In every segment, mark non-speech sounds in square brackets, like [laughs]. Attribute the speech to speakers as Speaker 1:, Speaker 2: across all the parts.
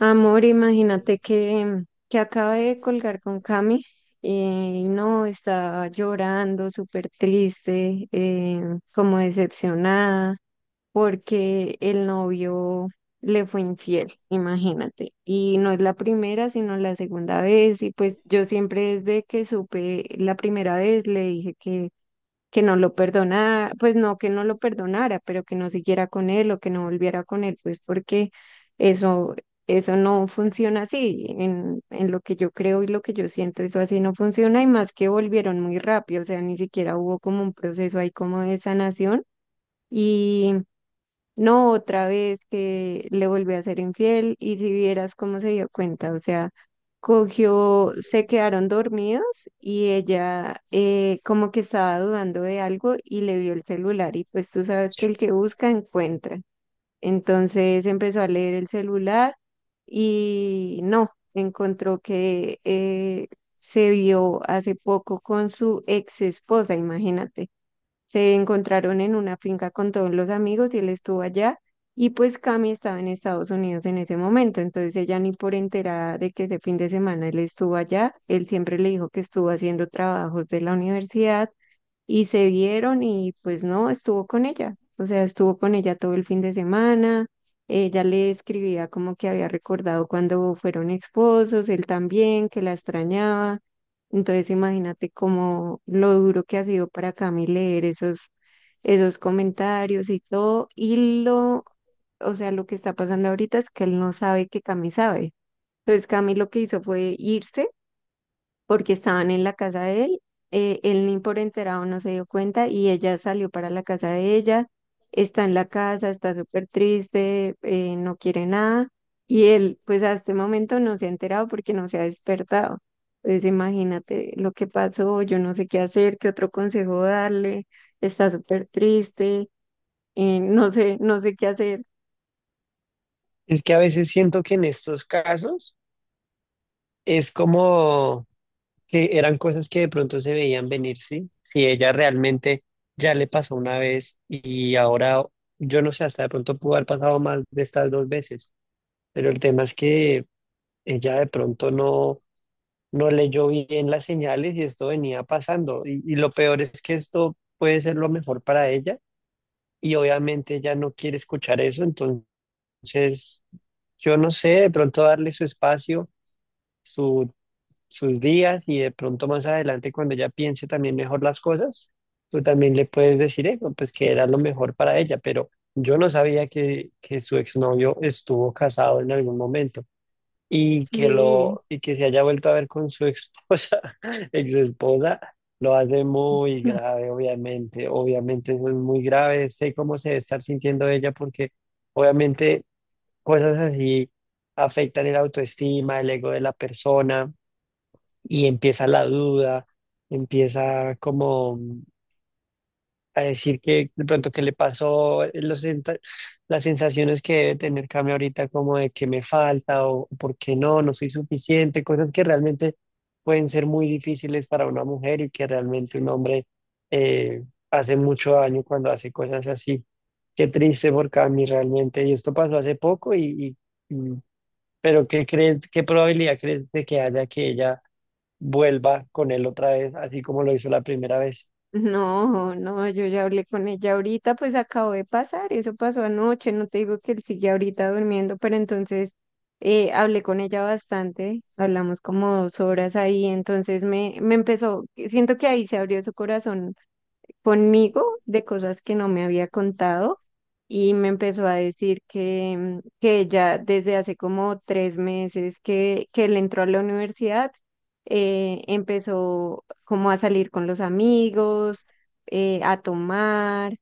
Speaker 1: Amor, imagínate que acabé de colgar con Cami eh, y no, estaba llorando, súper triste, como decepcionada, porque el novio le fue infiel, imagínate. Y no es la primera, sino la segunda vez. Y pues yo siempre desde que supe la primera vez le dije que no lo perdona, pues no que no lo perdonara, pero que no siguiera con él o que no volviera con él, pues porque eso, eso no funciona así, en lo que yo creo y lo que yo siento, eso así no funciona y más que volvieron muy rápido, o sea, ni siquiera hubo como un proceso ahí como de sanación. Y no, otra vez que le volví a ser infiel y si vieras cómo se dio cuenta, o sea, cogió, se quedaron dormidos y ella como que estaba dudando de algo y le vio el celular y pues tú sabes que el que busca encuentra. Entonces empezó a leer el celular y no, encontró que se vio hace poco con su ex esposa, imagínate. Se encontraron en una finca con todos los amigos y él estuvo allá. Y pues Cami estaba en Estados Unidos en ese momento, entonces ella ni por enterada de que ese fin de semana él estuvo allá, él siempre le dijo que estuvo haciendo trabajos de la universidad y se vieron y pues no, estuvo con ella, o sea, estuvo con ella todo el fin de semana, ella le escribía como que había recordado cuando fueron esposos, él también, que la extrañaba, entonces imagínate como lo duro que ha sido para Cami leer esos, esos comentarios y todo, y lo, o sea, lo que está pasando ahorita es que él no sabe que Cami sabe. Entonces Cami lo que hizo fue irse porque estaban en la casa de él. Él ni por enterado no se dio cuenta y ella salió para la casa de ella, está en la casa, está súper triste, no quiere nada y él pues a este momento no se ha enterado porque no se ha despertado. Entonces imagínate lo que pasó, yo no sé qué hacer, qué otro consejo darle, está súper triste, no sé, no sé qué hacer.
Speaker 2: Es que a veces siento que en estos casos es como que eran cosas que de pronto se veían venir, ¿sí? Si ella realmente ya le pasó una vez y ahora, yo no sé, hasta de pronto pudo haber pasado más de estas dos veces, pero el tema es que ella de pronto no, no leyó bien las señales y esto venía pasando. Y lo peor es que esto puede ser lo mejor para ella y obviamente ella no quiere escuchar eso, entonces yo no sé, de pronto darle su espacio su- sus días y de pronto más adelante cuando ella piense también mejor las cosas, tú también le puedes decir eso, pues que era lo mejor para ella, pero yo no sabía que su exnovio estuvo casado en algún momento
Speaker 1: Sí.
Speaker 2: y que se haya vuelto a ver con su esposa, [laughs] exesposa, lo hace muy grave, obviamente, obviamente eso es muy grave, sé cómo se debe estar sintiendo ella porque obviamente cosas así afectan el autoestima, el ego de la persona y empieza la duda, empieza como a decir que de pronto que le pasó, las sensaciones que debe tener Cami ahorita como de que me falta o por qué no soy suficiente, cosas que realmente pueden ser muy difíciles para una mujer y que realmente un hombre eh, hace mucho daño cuando hace cosas así. Qué triste por Cami realmente. Y esto pasó hace poco y- y- pero ¿qué crees, qué probabilidad crees de que haya que ella vuelva con él otra vez, así como lo hizo la primera vez?
Speaker 1: No, no, yo ya hablé con ella ahorita, pues acabo de pasar, eso pasó anoche, no te digo que él sigue ahorita durmiendo, pero entonces hablé con ella bastante, hablamos como dos horas ahí, entonces me empezó, siento que ahí se abrió su corazón conmigo de cosas que no me había contado y me empezó a decir que ella desde hace como tres meses que él entró a la universidad, empezó como a salir con los amigos, a tomar,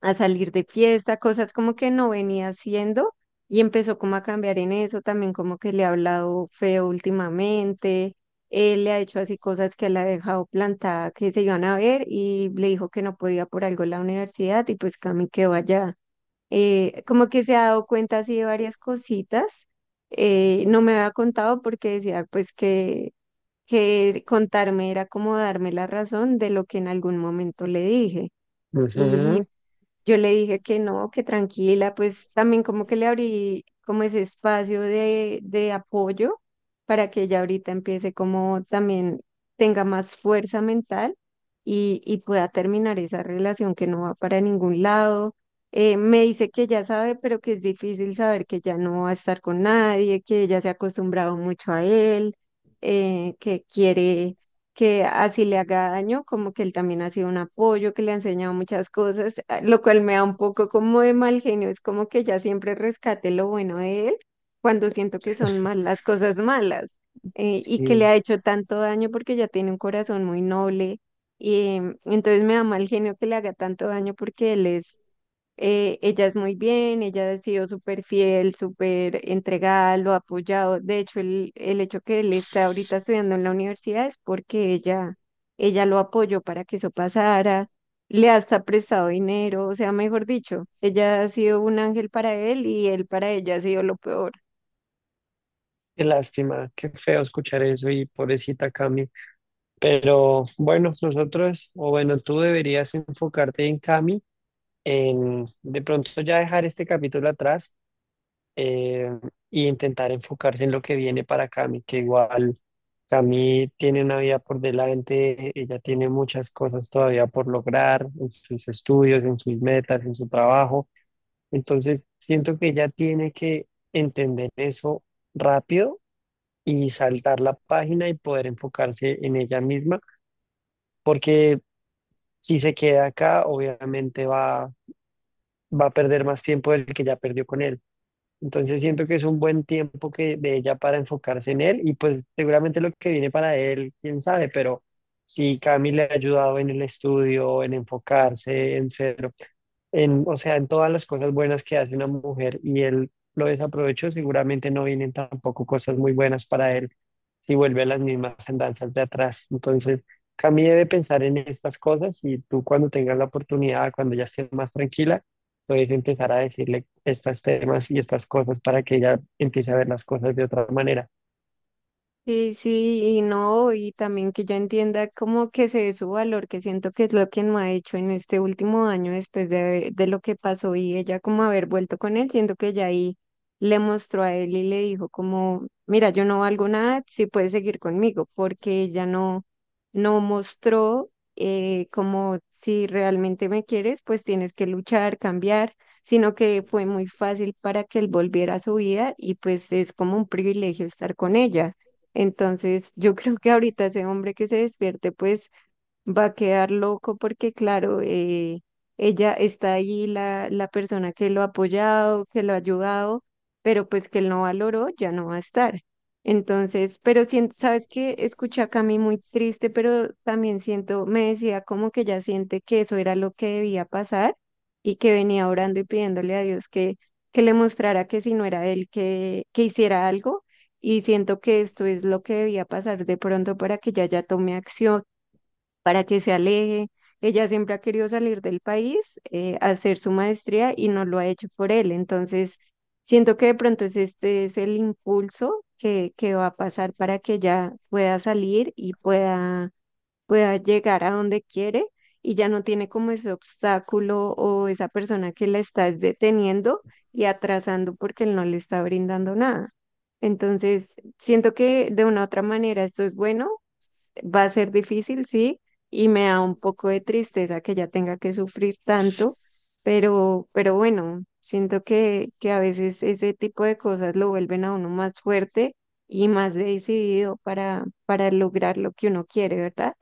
Speaker 1: a salir de fiesta, cosas como que no venía haciendo y empezó como a cambiar en eso, también como que le ha hablado feo últimamente, él le ha hecho así cosas que la ha dejado plantada que se iban a ver y le dijo que no podía por algo la universidad y pues Cami quedó allá. Como que se ha dado cuenta así de varias cositas, no me había contado porque decía pues que contarme era como darme la razón de lo que en algún momento le dije.
Speaker 2: Ujú.
Speaker 1: Y yo le dije que no, que tranquila, pues también como que le abrí como ese espacio de apoyo para que ella ahorita empiece como también tenga más fuerza mental y pueda terminar esa relación que no va para ningún lado. Me dice que ya sabe, pero que es difícil saber que ya no va a estar con nadie, que ella se ha acostumbrado mucho a él, que quiere que así le haga daño, como que él también ha sido un apoyo, que le ha enseñado muchas cosas, lo cual me da un poco como de mal genio, es como que ya siempre rescate lo bueno de él cuando siento que son malas cosas malas y que le
Speaker 2: Sí,
Speaker 1: ha hecho tanto daño porque ya tiene un corazón muy noble y entonces me da mal genio que le haga tanto daño porque él es ella es muy bien, ella ha sido súper fiel, súper entregada, lo ha apoyado. De hecho, el hecho que él está ahorita estudiando en la universidad es porque ella lo apoyó para que eso pasara, le ha hasta prestado dinero, o sea, mejor dicho, ella ha sido un ángel para él y él para ella ha sido lo peor.
Speaker 2: qué lástima, qué feo escuchar eso y pobrecita Cami. Pero bueno, nosotros, o bueno, tú deberías enfocarte en Cami, en de pronto ya dejar este capítulo atrás, eh, y intentar enfocarse en lo que viene para Cami, que igual Cami tiene una vida por delante, ella tiene muchas cosas todavía por lograr en sus estudios, en sus metas, en su trabajo. Entonces, siento que ella tiene que entender eso rápido y saltar la página y poder enfocarse en ella misma, porque si se queda acá, obviamente va a perder más tiempo del que ya perdió con él. Entonces siento que es un buen tiempo que de ella para enfocarse en él y pues seguramente lo que viene para él, quién sabe, pero si Cami le ha ayudado en el estudio, en enfocarse, en ser, en, o sea, en todas las cosas buenas que hace una mujer y él lo desaprovechó, seguramente no vienen tampoco cosas muy buenas para él si vuelve a las mismas andanzas de atrás. Entonces, Cami debe pensar en estas cosas y tú cuando tengas la oportunidad, cuando ya estés más tranquila entonces empezar a decirle estos temas y estas cosas para que ella empiece a ver las cosas de otra manera.
Speaker 1: Sí, sí, y no, y también que ya entienda como que se dé su valor, que siento que es lo que no ha hecho en este último año después de lo que pasó y ella como haber vuelto con él, siento que ya ahí le mostró a él y le dijo como, mira, yo no valgo nada, si puedes seguir conmigo, porque ella no mostró como si realmente me quieres, pues tienes que luchar, cambiar, sino que fue muy fácil para que él volviera a su vida y pues es como un privilegio estar con ella. Entonces, yo [laughs] creo que ahorita ese hombre que se despierte, pues va a quedar loco porque, claro, ella está ahí, la persona que lo ha apoyado, que lo ha ayudado, pero pues que él no valoró, ya no va a estar. Entonces, pero siento, sabes que escuché a Cami muy triste, pero también siento, me decía como que ya siente que eso era lo que debía pasar y que venía orando y pidiéndole a Dios que le mostrara que si no era él, que hiciera algo. Y siento que esto es lo que debía pasar de pronto para que ella ya tome acción para que se aleje. Ella siempre ha querido salir del país, hacer su maestría y no lo ha hecho por él. Entonces, siento que de pronto es este es el impulso que va a pasar para que ella pueda salir y pueda llegar a donde quiere y ya no tiene como ese obstáculo o esa persona que la está es deteniendo y atrasando porque él no le está brindando nada. Entonces, siento que de una u otra manera esto es bueno, va a ser difícil, sí, y me da un poco de tristeza que ella tenga que sufrir tanto, pero bueno, siento que a veces ese tipo de cosas lo vuelven a uno más fuerte y más decidido para lograr lo que uno quiere, ¿verdad?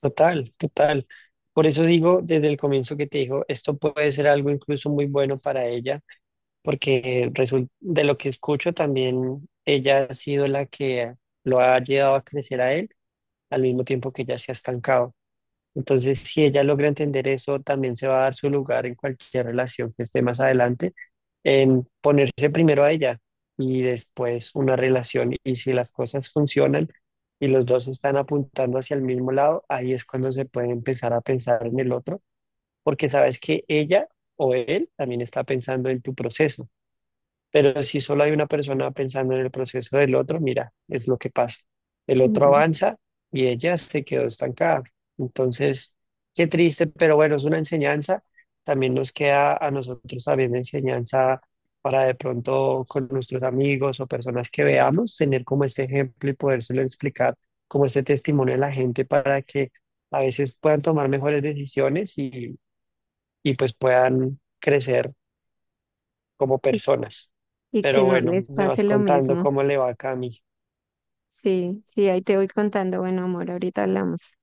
Speaker 2: Total, total. Por eso digo desde el comienzo que te digo, esto puede ser algo incluso muy bueno para ella, porque de lo que escucho también ella ha sido la que lo ha llevado a crecer a él al mismo tiempo que ella se ha estancado. Entonces, si ella logra entender eso, también se va a dar su lugar en cualquier relación que esté más adelante, en ponerse primero a ella y después una relación. Y si las cosas funcionan y los dos están apuntando hacia el mismo lado, ahí es cuando se puede empezar a pensar en el otro, porque sabes que ella o él también está pensando en tu proceso. Pero si solo hay una persona pensando en el proceso del otro, mira, es lo que pasa. El otro
Speaker 1: Mm.
Speaker 2: avanza y ella se quedó estancada. Entonces, qué triste, pero bueno, es una enseñanza. También nos queda a nosotros también enseñanza para de pronto con nuestros amigos o personas que veamos, tener como este ejemplo y podérselo explicar como este testimonio a la gente para que a veces puedan tomar mejores decisiones y pues puedan crecer como
Speaker 1: Y,
Speaker 2: personas.
Speaker 1: y que
Speaker 2: Pero
Speaker 1: no
Speaker 2: bueno,
Speaker 1: les
Speaker 2: me
Speaker 1: pase
Speaker 2: vas
Speaker 1: lo
Speaker 2: contando
Speaker 1: mismo.
Speaker 2: cómo le va a Cami.
Speaker 1: Sí, sí, ahí te voy contando. Bueno, amor, ahorita hablamos.